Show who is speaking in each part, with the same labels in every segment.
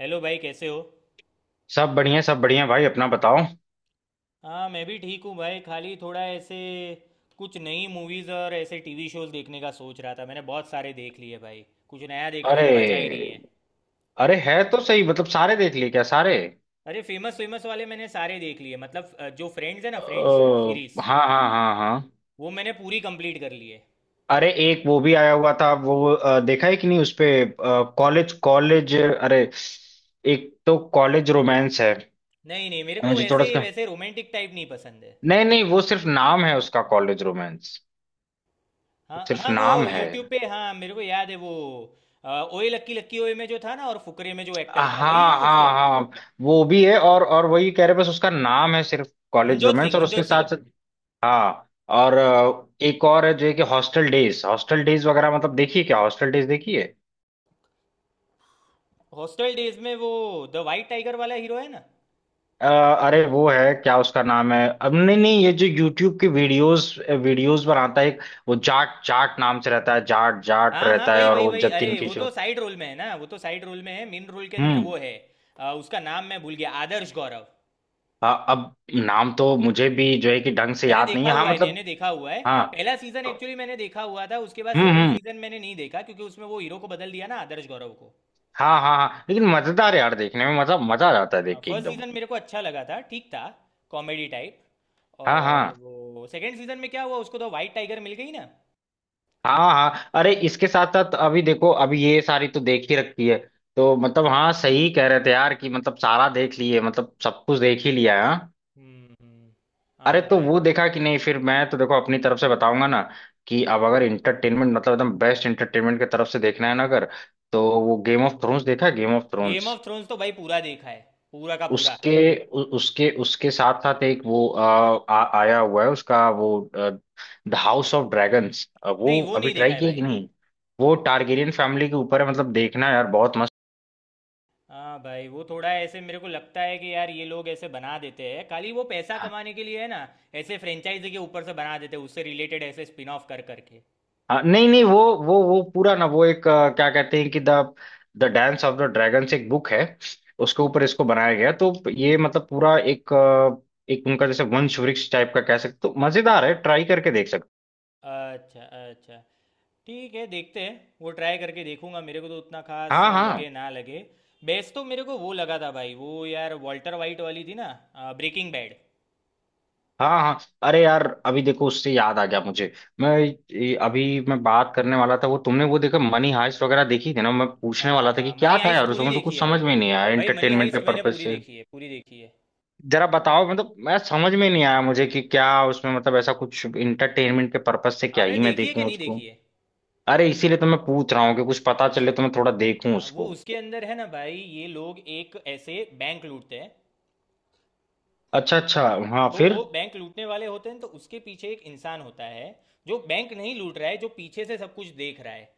Speaker 1: Hello भाई कैसे हो।
Speaker 2: सब बढ़िया भाई, अपना बताओ।
Speaker 1: हाँ मैं भी ठीक हूँ भाई, खाली थोड़ा ऐसे कुछ नई मूवीज़ और ऐसे टीवी शोज़ देखने का सोच रहा था। मैंने बहुत सारे देख लिए भाई, कुछ नया देखने को बचा ही नहीं
Speaker 2: अरे,
Speaker 1: है।
Speaker 2: अरे है तो सही। मतलब सारे देख लिए क्या, सारे?
Speaker 1: अरे फेमस फेमस वाले मैंने सारे देख लिए, मतलब जो फ्रेंड्स है ना, फ्रेंड्स
Speaker 2: अ,
Speaker 1: सीरीज,
Speaker 2: हाँ हाँ हाँ हाँ।
Speaker 1: वो मैंने पूरी कंप्लीट कर ली है।
Speaker 2: अरे, एक वो भी आया हुआ था वो देखा है कि नहीं उसपे? कॉलेज कॉलेज, अरे, एक तो कॉलेज रोमांस है।
Speaker 1: नहीं नहीं, मेरे को
Speaker 2: मुझे थोड़ा
Speaker 1: वैसे
Speaker 2: सा।
Speaker 1: वैसे रोमांटिक टाइप नहीं पसंद है।
Speaker 2: नहीं नहीं, वो सिर्फ नाम है उसका, कॉलेज रोमांस।
Speaker 1: हाँ
Speaker 2: सिर्फ
Speaker 1: हाँ वो
Speaker 2: नाम है।
Speaker 1: यूट्यूब पे, हाँ मेरे को याद है वो। ओए लक्की लक्की ओए में जो था ना, और फुकरे में जो एक्टर
Speaker 2: हाँ
Speaker 1: था वही है ना उसके
Speaker 2: हाँ
Speaker 1: अंदर।
Speaker 2: हाँ, वो भी है। और वही कह रहे, बस उसका नाम है सिर्फ कॉलेज
Speaker 1: मनजोत
Speaker 2: रोमांस,
Speaker 1: सिंह,
Speaker 2: और उसके
Speaker 1: मनजोत सिंह।
Speaker 2: साथ। हाँ, और एक और है जो है कि हॉस्टल डेज। हॉस्टल डेज वगैरह मतलब देखिए। क्या हॉस्टल डेज देखिए?
Speaker 1: हॉस्टल डेज में वो द वाइट टाइगर वाला हीरो है ना।
Speaker 2: अरे, वो है क्या उसका नाम है अब? नहीं नहीं, ये जो यूट्यूब के वीडियोस वीडियोस बनाता है एक, वो जाट जाट नाम से रहता है, जाट जाट
Speaker 1: हाँ हाँ
Speaker 2: रहता है,
Speaker 1: वही
Speaker 2: और
Speaker 1: वही
Speaker 2: वो
Speaker 1: वही,
Speaker 2: जतिन
Speaker 1: अरे वो तो
Speaker 2: किशोर।
Speaker 1: साइड रोल में है ना, वो तो साइड रोल में है, मेन रोल के अंदर
Speaker 2: हम्म।
Speaker 1: वो है। उसका नाम मैं भूल गया, आदर्श गौरव।
Speaker 2: हाँ अब नाम तो मुझे भी जो है कि ढंग से
Speaker 1: मैंने
Speaker 2: याद नहीं
Speaker 1: देखा
Speaker 2: है, हाँ
Speaker 1: हुआ है,
Speaker 2: मतलब।
Speaker 1: मैंने देखा हुआ है।
Speaker 2: हाँ,
Speaker 1: पहला सीजन एक्चुअली मैंने देखा हुआ था, उसके बाद सेकंड
Speaker 2: हम्म।
Speaker 1: सीजन मैंने नहीं देखा, क्योंकि उसमें वो हीरो को बदल दिया ना, आदर्श गौरव को।
Speaker 2: हाँ हाँ हाँ, लेकिन मजेदार है यार देखने में, मतलब मजा आ जाता है देख के
Speaker 1: फर्स्ट
Speaker 2: एकदम।
Speaker 1: सीजन मेरे को अच्छा लगा था, ठीक था, कॉमेडी टाइप।
Speaker 2: हाँ
Speaker 1: और
Speaker 2: हाँ
Speaker 1: वो सेकंड सीजन में क्या हुआ, उसको तो वाइट टाइगर मिल गई ना।
Speaker 2: हाँ हाँ। अरे, इसके साथ साथ अभी देखो, अभी ये सारी तो देख ही रखी है। तो मतलब हाँ, सही कह रहे थे यार कि मतलब सारा देख लिए, मतलब सब कुछ देख ही लिया है हाँ?
Speaker 1: हम्म हम्म,
Speaker 2: अरे,
Speaker 1: हाँ
Speaker 2: तो
Speaker 1: भाई।
Speaker 2: वो देखा कि नहीं फिर? मैं तो देखो अपनी तरफ से बताऊंगा ना कि अब अगर इंटरटेनमेंट, मतलब एकदम बेस्ट इंटरटेनमेंट की तरफ से देखना है ना अगर, तो वो गेम ऑफ थ्रोन्स देखा है, game of
Speaker 1: game
Speaker 2: thrones?
Speaker 1: Of thrones तो भाई पूरा देखा है, पूरा का पूरा।
Speaker 2: उसके, उसके साथ साथ एक वो आया हुआ है उसका, वो द हाउस ऑफ ड्रैगन्स।
Speaker 1: नहीं,
Speaker 2: वो
Speaker 1: वो
Speaker 2: अभी
Speaker 1: नहीं देखा
Speaker 2: ट्राई
Speaker 1: है
Speaker 2: किया
Speaker 1: भाई।
Speaker 2: कि नहीं? वो टारगेरियन फैमिली के ऊपर है, मतलब देखना यार बहुत मस्त।
Speaker 1: हाँ भाई, वो थोड़ा ऐसे मेरे को लगता है कि यार ये लोग ऐसे बना देते हैं, खाली वो पैसा
Speaker 2: हाँ
Speaker 1: कमाने के लिए है ना। ऐसे फ्रेंचाइजी के ऊपर से बना देते हैं, उससे रिलेटेड ऐसे स्पिन ऑफ कर करके।
Speaker 2: हाँ, नहीं नहीं, वो वो पूरा ना, वो एक क्या कहते हैं कि the the dance of the dragons एक बुक है। उसके ऊपर इसको बनाया गया है। तो ये मतलब पूरा एक एक उनका जैसे वंश वृक्ष टाइप का कह सकते हो। तो मजेदार है, ट्राई करके देख सकते
Speaker 1: अच्छा अच्छा, ठीक है, देखते हैं। वो ट्राई करके देखूंगा, मेरे को तो उतना
Speaker 2: हो।
Speaker 1: खास
Speaker 2: हाँ हाँ।
Speaker 1: लगे ना लगे। बेस्ट तो मेरे को वो लगा था भाई, वो यार वॉल्टर वाइट वाली थी ना, ब्रेकिंग बैड।
Speaker 2: हाँ हाँ। अरे यार, अभी देखो उससे याद आ गया मुझे। अभी मैं बात करने वाला था वो, तुमने वो देखा मनी हाइस्ट वगैरह देखी थी ना? मैं पूछने
Speaker 1: हाँ
Speaker 2: वाला था कि
Speaker 1: हाँ,
Speaker 2: क्या
Speaker 1: मनी
Speaker 2: था
Speaker 1: हाइस्ट
Speaker 2: यार
Speaker 1: पूरी
Speaker 2: उसमें, तो
Speaker 1: देखी
Speaker 2: कुछ
Speaker 1: है
Speaker 2: समझ
Speaker 1: भाई,
Speaker 2: में ही नहीं आया
Speaker 1: भाई मनी
Speaker 2: एंटरटेनमेंट के
Speaker 1: हाइस्ट मैंने
Speaker 2: पर्पज
Speaker 1: पूरी
Speaker 2: से।
Speaker 1: देखी है, पूरी देखी है।
Speaker 2: जरा बताओ, मतलब मैं समझ में नहीं आया मुझे कि क्या उसमें, मतलब ऐसा कुछ इंटरटेनमेंट के पर्पज से क्या
Speaker 1: आपने
Speaker 2: ही मैं
Speaker 1: देखी है कि
Speaker 2: देखूं
Speaker 1: नहीं
Speaker 2: उसको।
Speaker 1: देखी है।
Speaker 2: अरे, इसीलिए तो मैं पूछ रहा हूँ कि कुछ पता चले
Speaker 1: अच्छा,
Speaker 2: तो मैं थोड़ा देखूं
Speaker 1: हाँ वो
Speaker 2: उसको।
Speaker 1: उसके अंदर है ना भाई, ये लोग एक ऐसे बैंक लूटते हैं।
Speaker 2: अच्छा, अच्छा। हाँ
Speaker 1: तो
Speaker 2: फिर?
Speaker 1: वो बैंक लूटने वाले होते हैं, तो उसके पीछे एक इंसान होता है जो बैंक नहीं लूट रहा है, जो पीछे से सब कुछ देख रहा है।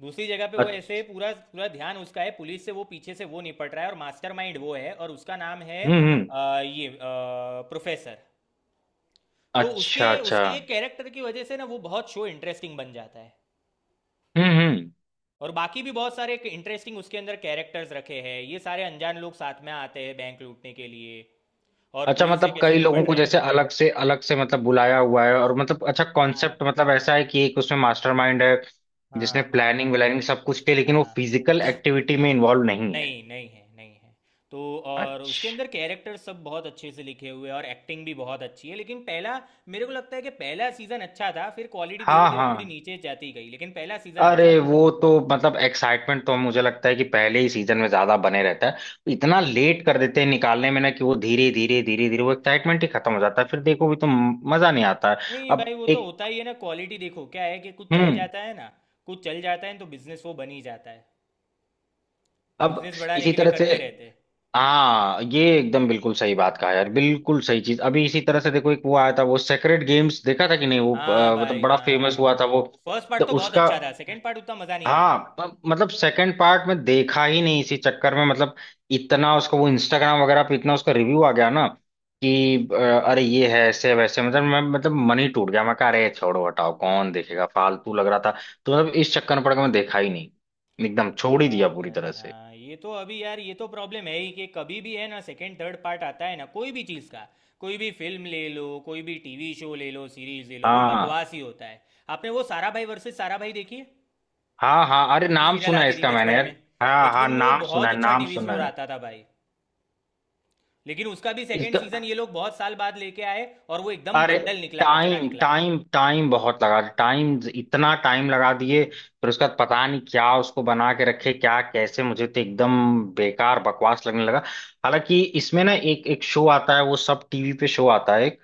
Speaker 1: दूसरी जगह पे वो ऐसे
Speaker 2: अच्छा।
Speaker 1: पूरा पूरा ध्यान उसका है, पुलिस से वो पीछे से वो निपट रहा है, और मास्टरमाइंड वो है, और उसका नाम है
Speaker 2: हम्म, हम्म।
Speaker 1: ये प्रोफेसर। तो
Speaker 2: अच्छा,
Speaker 1: उसके
Speaker 2: अच्छा।
Speaker 1: उसके एक कैरेक्टर की वजह से ना वो बहुत शो इंटरेस्टिंग बन जाता है।
Speaker 2: हम्म, हम्म।
Speaker 1: और बाकी भी बहुत सारे इंटरेस्टिंग उसके अंदर कैरेक्टर्स रखे हैं, ये सारे अनजान लोग साथ में आते हैं बैंक लूटने के लिए, और
Speaker 2: अच्छा,
Speaker 1: पुलिस से
Speaker 2: मतलब
Speaker 1: कैसे
Speaker 2: कई लोगों
Speaker 1: निपट
Speaker 2: को
Speaker 1: रहे हैं।
Speaker 2: जैसे अलग से मतलब बुलाया हुआ है, और मतलब अच्छा
Speaker 1: हाँ
Speaker 2: कॉन्सेप्ट। मतलब ऐसा है कि एक उसमें मास्टरमाइंड है
Speaker 1: हाँ
Speaker 2: जिसने
Speaker 1: हाँ
Speaker 2: प्लानिंग व्लानिंग सब कुछ की, लेकिन वो
Speaker 1: हाँ,
Speaker 2: फिजिकल एक्टिविटी में इन्वॉल्व नहीं है।
Speaker 1: नहीं नहीं है, नहीं है तो। और उसके
Speaker 2: अच्छा।
Speaker 1: अंदर कैरेक्टर सब बहुत अच्छे से लिखे हुए हैं, और एक्टिंग भी बहुत अच्छी है, लेकिन पहला मेरे को लगता है कि पहला सीज़न अच्छा था, फिर क्वालिटी धीरे
Speaker 2: हाँ
Speaker 1: धीरे थोड़ी
Speaker 2: हाँ,
Speaker 1: नीचे जाती गई, लेकिन पहला सीज़न
Speaker 2: अरे
Speaker 1: अच्छा था।
Speaker 2: वो तो मतलब एक्साइटमेंट तो मुझे लगता है कि पहले ही सीजन में ज्यादा बने रहता है। इतना लेट कर देते हैं निकालने में ना कि वो धीरे धीरे धीरे धीरे वो एक्साइटमेंट ही खत्म हो जाता है। फिर देखो भी तो मजा नहीं आता है।
Speaker 1: नहीं
Speaker 2: अब
Speaker 1: भाई, वो तो
Speaker 2: एक।
Speaker 1: होता ही है ना, क्वालिटी देखो क्या है कि कुछ चल
Speaker 2: हम्म।
Speaker 1: जाता है ना, कुछ चल जाता है तो बिजनेस वो बन ही जाता है,
Speaker 2: अब
Speaker 1: बिजनेस बढ़ाने
Speaker 2: इसी
Speaker 1: के लिए
Speaker 2: तरह से।
Speaker 1: करते रहते हैं।
Speaker 2: हाँ, ये एकदम बिल्कुल सही बात कहा यार, बिल्कुल सही चीज। अभी इसी तरह से देखो, एक वो आया था वो सेक्रेड गेम्स, देखा था कि नहीं वो?
Speaker 1: हाँ
Speaker 2: मतलब
Speaker 1: भाई
Speaker 2: बड़ा फेमस
Speaker 1: हाँ,
Speaker 2: हुआ था वो।
Speaker 1: फर्स्ट
Speaker 2: तो
Speaker 1: पार्ट तो बहुत
Speaker 2: उसका।
Speaker 1: अच्छा था, सेकंड पार्ट उतना मज़ा नहीं आया।
Speaker 2: हाँ, मतलब सेकंड पार्ट में देखा ही नहीं, इसी चक्कर में मतलब। इतना उसका वो इंस्टाग्राम वगैरह पे इतना उसका रिव्यू आ गया ना कि अरे, ये है ऐसे वैसे मतलब, मैं मतलब मन ही टूट गया। मैं कहा अरे छोड़ो हटाओ कौन देखेगा, फालतू लग रहा था। तो मतलब इस चक्कर में पड़ के मैं देखा ही नहीं, एकदम छोड़ ही
Speaker 1: हाँ
Speaker 2: दिया पूरी
Speaker 1: भाई
Speaker 2: तरह से।
Speaker 1: हाँ, ये तो अभी यार ये तो प्रॉब्लम है ही कि कभी भी है ना, सेकंड थर्ड पार्ट आता है ना कोई भी चीज़ का, कोई भी फिल्म ले लो, कोई भी टीवी शो ले लो, सीरीज ले लो, वो
Speaker 2: हाँ
Speaker 1: बकवास ही होता है। आपने वो सारा भाई वर्सेस सारा भाई देखी है।
Speaker 2: हाँ हाँ, अरे
Speaker 1: टीवी
Speaker 2: नाम
Speaker 1: सीरियल
Speaker 2: सुना है
Speaker 1: आती थी
Speaker 2: इसका मैंने
Speaker 1: बचपन
Speaker 2: यार।
Speaker 1: में।
Speaker 2: हाँ हाँ,
Speaker 1: बचपन में वो
Speaker 2: नाम सुना
Speaker 1: बहुत
Speaker 2: है,
Speaker 1: अच्छा
Speaker 2: नाम
Speaker 1: टीवी
Speaker 2: सुना
Speaker 1: शो
Speaker 2: है
Speaker 1: आता था भाई, लेकिन उसका भी सेकंड
Speaker 2: इसका।
Speaker 1: सीजन ये लोग बहुत साल बाद लेके आए, और वो एकदम
Speaker 2: अरे
Speaker 1: बंडल निकला, कचरा
Speaker 2: टाइम
Speaker 1: निकला।
Speaker 2: टाइम टाइम बहुत लगा, टाइम इतना टाइम लगा दिए फिर उसके बाद। पता नहीं क्या उसको बना के रखे क्या कैसे, मुझे तो एकदम बेकार बकवास लगने लगा। हालांकि इसमें ना एक एक शो आता है, वो सब टीवी पे शो आता है एक,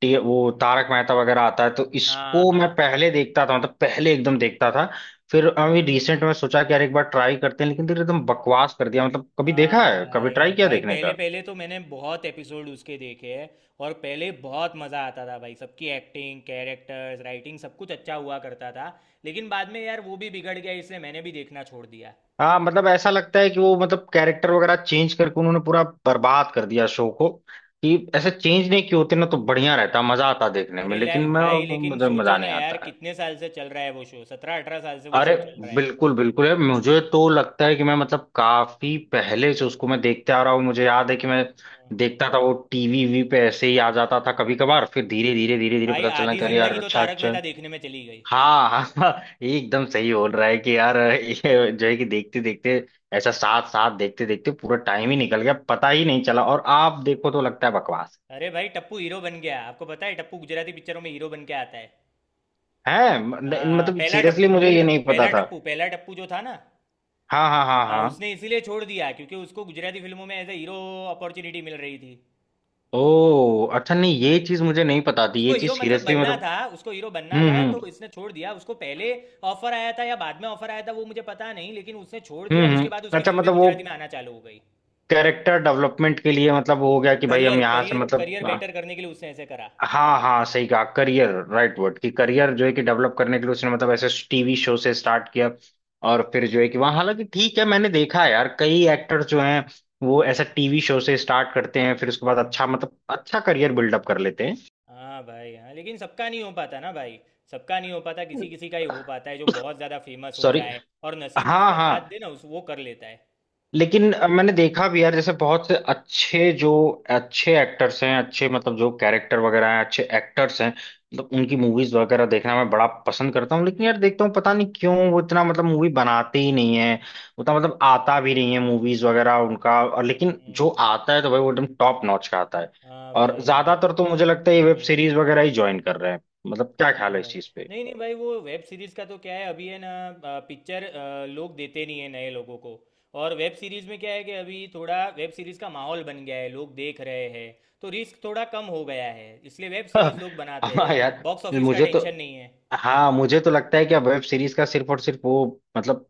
Speaker 2: वो तारक मेहता वगैरह आता है। तो
Speaker 1: हाँ
Speaker 2: इसको मैं
Speaker 1: हाँ।
Speaker 2: पहले देखता था, मतलब पहले एकदम देखता था। फिर अभी रिसेंट में सोचा कि यार एक बार ट्राई करते हैं, लेकिन फिर एकदम बकवास कर दिया मतलब। कभी देखा
Speaker 1: हाँ
Speaker 2: है, कभी
Speaker 1: भाई,
Speaker 2: ट्राई किया
Speaker 1: भाई
Speaker 2: देखने
Speaker 1: पहले
Speaker 2: का?
Speaker 1: पहले तो मैंने बहुत एपिसोड उसके देखे हैं, और पहले बहुत मज़ा आता था भाई, सबकी एक्टिंग, कैरेक्टर्स, राइटिंग, सब कुछ अच्छा हुआ करता था। लेकिन बाद में यार वो भी बिगड़ गया, इसलिए मैंने भी देखना छोड़ दिया।
Speaker 2: हाँ, मतलब ऐसा लगता है कि वो मतलब कैरेक्टर वगैरह चेंज करके उन्होंने पूरा बर्बाद कर दिया शो को। कि ऐसे चेंज नहीं किए होते ना तो बढ़िया रहता, मजा आता देखने में,
Speaker 1: अरे
Speaker 2: लेकिन मैं।
Speaker 1: भाई लेकिन
Speaker 2: मुझे मजा
Speaker 1: सोचो ना
Speaker 2: नहीं
Speaker 1: यार,
Speaker 2: आता है।
Speaker 1: कितने साल से चल रहा है वो शो, 17-18 साल से वो
Speaker 2: अरे
Speaker 1: शो चल रहा है।
Speaker 2: बिल्कुल बिल्कुल है, मुझे तो लगता है कि मैं मतलब काफी पहले से उसको मैं देखते आ रहा हूँ। मुझे याद है कि मैं
Speaker 1: हाँ,
Speaker 2: देखता था, वो टीवी वी पे ऐसे ही आ जाता था कभी कभार।
Speaker 1: हाँ।
Speaker 2: फिर धीरे धीरे धीरे धीरे
Speaker 1: भाई
Speaker 2: पता चला
Speaker 1: आधी
Speaker 2: कि अरे यार,
Speaker 1: जिंदगी तो
Speaker 2: अच्छा
Speaker 1: तारक
Speaker 2: अच्छा।
Speaker 1: मेहता देखने में चली गई।
Speaker 2: हाँ हाँ हाँ, ये एकदम सही बोल रहा है कि यार, ये जो है कि देखते देखते ऐसा, साथ साथ देखते देखते पूरा टाइम ही निकल गया, पता ही नहीं चला और आप देखो तो लगता है बकवास
Speaker 1: अरे भाई टप्पू हीरो बन गया, आपको पता है, टप्पू गुजराती पिक्चरों में हीरो बन के आता है।
Speaker 2: है।
Speaker 1: हाँ हाँ,
Speaker 2: मतलब
Speaker 1: पहला टप्पू,
Speaker 2: सीरियसली मुझे ये बिल्कुल नहीं पता
Speaker 1: पहला
Speaker 2: था।
Speaker 1: टप्पू, पहला टप्पू जो था ना।
Speaker 2: हाँ हाँ हाँ
Speaker 1: हाँ
Speaker 2: हाँ।
Speaker 1: उसने इसीलिए छोड़ दिया, क्योंकि उसको गुजराती फिल्मों में एज ए हीरो अपॉर्चुनिटी मिल रही थी।
Speaker 2: ओ अच्छा, नहीं ये चीज मुझे नहीं पता थी,
Speaker 1: उसको
Speaker 2: ये चीज
Speaker 1: हीरो मतलब
Speaker 2: सीरियसली
Speaker 1: बनना
Speaker 2: मतलब।
Speaker 1: था, उसको हीरो बनना
Speaker 2: हम्म
Speaker 1: था,
Speaker 2: हम्म
Speaker 1: तो इसने छोड़ दिया उसको। पहले ऑफर आया था या बाद में ऑफर आया था वो मुझे पता नहीं, लेकिन उसने छोड़ दिया, उसके बाद
Speaker 2: हम्म।
Speaker 1: उसकी
Speaker 2: अच्छा,
Speaker 1: फिल्में
Speaker 2: मतलब वो
Speaker 1: गुजराती में आना चालू हो गई।
Speaker 2: कैरेक्टर डेवलपमेंट के लिए मतलब वो हो गया कि भाई हम
Speaker 1: करियर
Speaker 2: यहाँ से
Speaker 1: करियर
Speaker 2: मतलब।
Speaker 1: करियर बेटर करने के लिए उसने ऐसे करा।
Speaker 2: हाँ हाँ, सही कहा करियर राइट वर्ड कि करियर जो है कि डेवलप करने के लिए उसने मतलब ऐसे टीवी शो से स्टार्ट किया और फिर जो है कि वहाँ। हालांकि ठीक है, मैंने देखा है यार कई एक्टर्स जो हैं, वो ऐसा टीवी शो से स्टार्ट करते हैं फिर उसके बाद अच्छा मतलब अच्छा करियर बिल्डअप कर लेते हैं।
Speaker 1: हाँ भाई हाँ, लेकिन सबका नहीं हो पाता ना भाई, सबका नहीं हो पाता, किसी किसी का ही हो पाता है, जो बहुत ज़्यादा फेमस हो
Speaker 2: सॉरी।
Speaker 1: जाए और नसीब
Speaker 2: हाँ
Speaker 1: जिसका साथ
Speaker 2: हाँ,
Speaker 1: दे ना उस, वो कर लेता है।
Speaker 2: लेकिन मैंने देखा भी यार, जैसे बहुत से अच्छे जो अच्छे एक्टर्स हैं, अच्छे मतलब जो कैरेक्टर वगैरह हैं अच्छे एक्टर्स हैं। मतलब उनकी मूवीज वगैरह देखना मैं बड़ा पसंद करता हूँ, लेकिन यार देखता हूँ पता नहीं क्यों वो इतना मतलब मूवी बनाते ही नहीं है। उतना मतलब आता भी नहीं है मूवीज वगैरह उनका, और लेकिन जो
Speaker 1: हम्म,
Speaker 2: आता है तो भाई वो एकदम टॉप नॉच का आता है।
Speaker 1: हाँ
Speaker 2: और
Speaker 1: भाई हाँ,
Speaker 2: ज्यादातर तो मुझे लगता है ये वेब
Speaker 1: ये
Speaker 2: सीरीज वगैरह ही ज्वाइन कर रहे हैं। मतलब क्या ख्याल
Speaker 1: हाँ
Speaker 2: है इस
Speaker 1: भाई,
Speaker 2: चीज पे?
Speaker 1: नहीं नहीं भाई, वो वेब सीरीज़ का तो क्या है अभी है ना, पिक्चर लोग देते नहीं है नए लोगों को। और वेब सीरीज़ में क्या है कि अभी थोड़ा वेब सीरीज़ का माहौल बन गया है, लोग देख रहे हैं, तो रिस्क थोड़ा कम हो गया है, इसलिए वेब
Speaker 2: हाँ।
Speaker 1: सीरीज़ लोग बनाते हैं,
Speaker 2: हाँ यार।
Speaker 1: बॉक्स ऑफिस का
Speaker 2: मुझे तो।
Speaker 1: टेंशन नहीं है।
Speaker 2: हाँ मुझे तो लगता है कि अब वेब सीरीज का सिर्फ और सिर्फ वो मतलब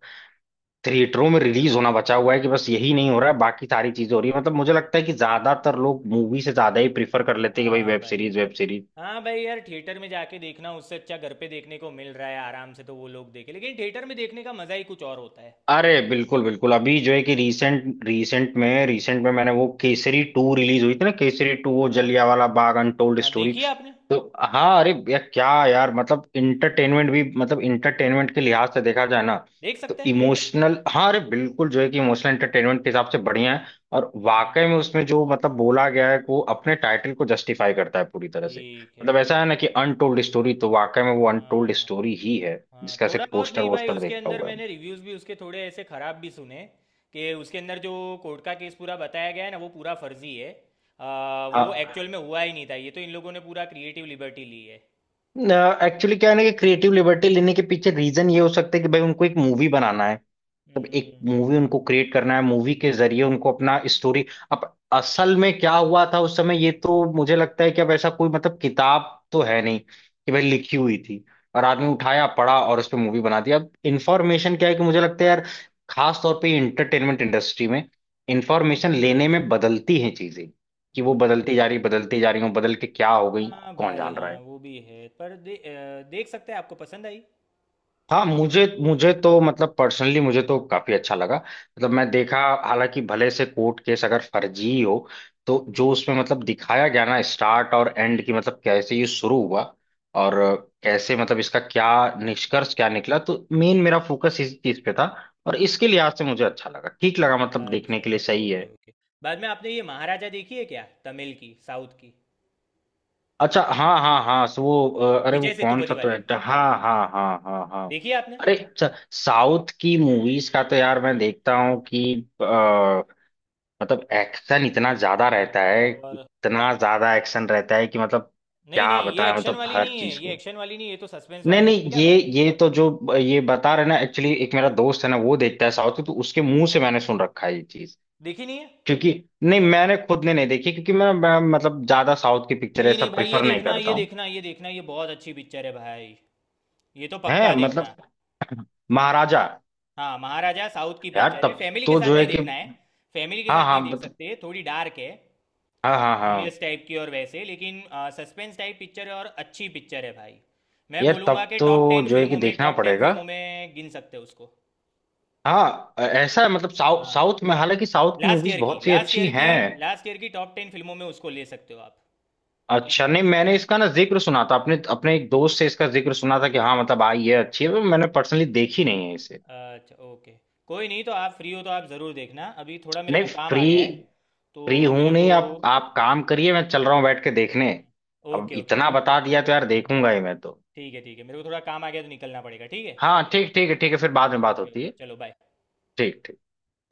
Speaker 2: थिएटरों में रिलीज होना बचा हुआ है। कि बस यही नहीं हो रहा है, बाकी सारी चीजें हो रही है। मतलब मुझे
Speaker 1: नहीं।
Speaker 2: लगता है कि ज्यादातर लोग मूवी से ज्यादा ही प्रीफर कर लेते हैं कि भाई
Speaker 1: हाँ
Speaker 2: वेब
Speaker 1: भाई,
Speaker 2: सीरीज, वेब सीरीज।
Speaker 1: हाँ भाई यार, थिएटर में जाके देखना, उससे अच्छा घर पे देखने को मिल रहा है आराम से, तो वो लोग देखे, लेकिन थिएटर में देखने का मज़ा ही कुछ और होता है।
Speaker 2: अरे बिल्कुल बिल्कुल, अभी जो है कि रीसेंट रीसेंट में, रीसेंट में मैंने वो केसरी टू रिलीज हुई थी ना, केसरी टू, वो
Speaker 1: हाँ
Speaker 2: जलियांवाला बाग अनटोल्ड
Speaker 1: हाँ,
Speaker 2: स्टोरी।
Speaker 1: देखिए आपने,
Speaker 2: तो हाँ, अरे यार क्या यार, मतलब इंटरटेनमेंट भी मतलब इंटरटेनमेंट के लिहाज से देखा जाए ना
Speaker 1: देख
Speaker 2: तो
Speaker 1: सकते हैं।
Speaker 2: इमोशनल, हाँ अरे बिल्कुल जो है कि इमोशनल इंटरटेनमेंट के हिसाब से बढ़िया है। और वाकई
Speaker 1: हम्म,
Speaker 2: में उसमें जो मतलब बोला गया है, वो अपने टाइटल को जस्टिफाई करता है पूरी तरह से।
Speaker 1: ठीक है।
Speaker 2: मतलब ऐसा है ना कि अनटोल्ड स्टोरी तो वाकई में वो अनटोल्ड
Speaker 1: हाँ
Speaker 2: स्टोरी ही है,
Speaker 1: हाँ हाँ,
Speaker 2: जिसका
Speaker 1: थोड़ा
Speaker 2: सिर्फ
Speaker 1: बहुत,
Speaker 2: पोस्टर
Speaker 1: नहीं भाई
Speaker 2: वोस्टर
Speaker 1: उसके
Speaker 2: देखा
Speaker 1: अंदर
Speaker 2: हुआ है।
Speaker 1: मैंने रिव्यूज़ भी उसके थोड़े ऐसे ख़राब भी सुने, कि उसके अंदर जो कोर्ट का केस पूरा बताया गया है ना, वो पूरा फर्जी है। वो एक्चुअल
Speaker 2: हाँ
Speaker 1: में हुआ ही नहीं था, ये तो इन लोगों ने पूरा क्रिएटिव लिबर्टी ली है।
Speaker 2: एक्चुअली क्या है ना कि क्रिएटिव लिबर्टी लेने के पीछे रीजन ये हो सकता है कि भाई उनको एक मूवी बनाना है। तब एक
Speaker 1: हम्म
Speaker 2: मूवी उनको क्रिएट करना है, मूवी के जरिए उनको अपना स्टोरी। अब असल में क्या हुआ था उस समय, ये तो मुझे लगता है कि अब ऐसा कोई मतलब किताब तो है नहीं कि भाई लिखी हुई थी और आदमी उठाया पढ़ा और उस पर मूवी बना दी। अब इन्फॉर्मेशन क्या है कि मुझे लगता है यार, खास तौर पे इंटरटेनमेंट इंडस्ट्री में इंफॉर्मेशन लेने में बदलती हैं चीजें। कि वो
Speaker 1: हम्म।
Speaker 2: बदलती जा रही, बदलती जा रही, वो बदल के क्या हो गई
Speaker 1: हाँ
Speaker 2: कौन
Speaker 1: भाई
Speaker 2: जान रहा
Speaker 1: हाँ,
Speaker 2: है?
Speaker 1: वो भी है पर देख सकते हैं, आपको पसंद आई।
Speaker 2: हाँ, मुझे मुझे तो मतलब पर्सनली मुझे तो काफी अच्छा लगा, मतलब
Speaker 1: ओके
Speaker 2: मैं
Speaker 1: ओके।
Speaker 2: देखा। हालांकि भले से कोर्ट केस अगर फर्जी ही हो, तो जो उसमें मतलब दिखाया गया ना स्टार्ट और एंड की, मतलब कैसे ये शुरू
Speaker 1: हम्म,
Speaker 2: हुआ
Speaker 1: हम्म,
Speaker 2: और कैसे, मतलब इसका क्या
Speaker 1: हम्म,
Speaker 2: निष्कर्ष क्या निकला, तो मेन मेरा फोकस इस चीज पे था। और इसके लिहाज से मुझे अच्छा लगा, ठीक लगा, मतलब देखने
Speaker 1: अच्छा,
Speaker 2: के लिए सही है।
Speaker 1: ओके ओके, बाद में आपने ये महाराजा देखी है क्या, तमिल की, साउथ की,
Speaker 2: अच्छा, हाँ हाँ हाँ, सो वो अरे वो
Speaker 1: विजय
Speaker 2: कौन सा
Speaker 1: सेतुपति
Speaker 2: तो
Speaker 1: वाली,
Speaker 2: एक्टर, हाँ हाँ हाँ हाँ हाँ।
Speaker 1: देखी है आपने।
Speaker 2: अरे अच्छा। साउथ की मूवीज का तो यार मैं देखता हूँ कि अ, मतलब एक्शन इतना ज्यादा रहता है,
Speaker 1: और
Speaker 2: इतना ज्यादा एक्शन रहता है कि मतलब
Speaker 1: नहीं
Speaker 2: क्या
Speaker 1: नहीं, ये
Speaker 2: बताएं,
Speaker 1: एक्शन
Speaker 2: मतलब
Speaker 1: वाली
Speaker 2: हर
Speaker 1: नहीं है,
Speaker 2: चीज
Speaker 1: ये
Speaker 2: को।
Speaker 1: एक्शन वाली नहीं है, ये तो सस्पेंस
Speaker 2: नहीं
Speaker 1: वाली है,
Speaker 2: नहीं,
Speaker 1: देखी
Speaker 2: ये
Speaker 1: आपने।
Speaker 2: ये तो जो ये बता रहे ना, एक्चुअली एक मेरा दोस्त है ना वो देखता है साउथ की, तो उसके मुंह से मैंने सुन रखा है ये चीज,
Speaker 1: देखी नहीं है।
Speaker 2: क्योंकि। नहीं मैंने खुद ने नहीं देखी, क्योंकि मैं मतलब ज्यादा साउथ की पिक्चर
Speaker 1: नहीं
Speaker 2: ऐसा
Speaker 1: नहीं भाई,
Speaker 2: प्रिफर
Speaker 1: ये
Speaker 2: नहीं
Speaker 1: देखना,
Speaker 2: करता
Speaker 1: ये
Speaker 2: हूँ।
Speaker 1: देखना, ये देखना, ये बहुत अच्छी पिक्चर है भाई, ये तो
Speaker 2: है
Speaker 1: पक्का
Speaker 2: मतलब?
Speaker 1: देखना।
Speaker 2: महाराजा?
Speaker 1: हाँ महाराजा, साउथ की
Speaker 2: यार
Speaker 1: पिक्चर है,
Speaker 2: तब
Speaker 1: फैमिली के
Speaker 2: तो जो
Speaker 1: साथ
Speaker 2: है
Speaker 1: नहीं
Speaker 2: कि।
Speaker 1: देखना है, फैमिली के
Speaker 2: हाँ
Speaker 1: साथ
Speaker 2: हाँ
Speaker 1: नहीं देख
Speaker 2: मतलब।
Speaker 1: सकते, थोड़ी डार्क है,
Speaker 2: हाँ हाँ हाँ।
Speaker 1: सीरियस टाइप की, और वैसे लेकिन सस्पेंस टाइप पिक्चर है, और अच्छी पिक्चर है भाई। मैं
Speaker 2: यार
Speaker 1: बोलूँगा
Speaker 2: तब
Speaker 1: कि
Speaker 2: तो
Speaker 1: टॉप 10
Speaker 2: जो है कि
Speaker 1: फिल्मों में,
Speaker 2: देखना
Speaker 1: टॉप 10
Speaker 2: पड़ेगा।
Speaker 1: फिल्मों में गिन सकते हो उसको।
Speaker 2: हाँ, ऐसा है मतलब
Speaker 1: हाँ
Speaker 2: साउथ में हालांकि साउथ की
Speaker 1: लास्ट
Speaker 2: मूवीज
Speaker 1: ईयर की,
Speaker 2: बहुत सी
Speaker 1: लास्ट
Speaker 2: अच्छी
Speaker 1: ईयर की,
Speaker 2: हैं।
Speaker 1: लास्ट ईयर की टॉप 10 फिल्मों में उसको ले सकते हो आप।
Speaker 2: अच्छा,
Speaker 1: देखना।
Speaker 2: नहीं मैंने इसका ना जिक्र सुना था, अपने अपने एक दोस्त से इसका जिक्र सुना था कि हाँ मतलब आई
Speaker 1: हाँ।
Speaker 2: है, अच्छी है, पर मैंने पर्सनली देखी नहीं है इसे।
Speaker 1: अच्छा ओके कोई नहीं, तो आप फ्री हो तो आप ज़रूर देखना, अभी थोड़ा मेरे
Speaker 2: नहीं
Speaker 1: को काम
Speaker 2: फ्री,
Speaker 1: आ गया है तो
Speaker 2: फ्री हूं
Speaker 1: मेरे
Speaker 2: नहीं,
Speaker 1: को।
Speaker 2: आप काम करिए, मैं चल रहा हूँ बैठ के देखने। अब
Speaker 1: ओके ओके
Speaker 2: इतना
Speaker 1: ओके।
Speaker 2: बता दिया तो यार
Speaker 1: हम्म, हम्म, हम्म।
Speaker 2: देखूंगा ही मैं तो।
Speaker 1: ठीक है, ठीक है, मेरे को थोड़ा काम आ गया तो निकलना पड़ेगा, ठीक है।
Speaker 2: हाँ ठीक, ठीक है, ठीक है, फिर बाद में बात
Speaker 1: ओके
Speaker 2: होती
Speaker 1: ओके,
Speaker 2: है।
Speaker 1: चलो बाय।
Speaker 2: ठीक ठीक।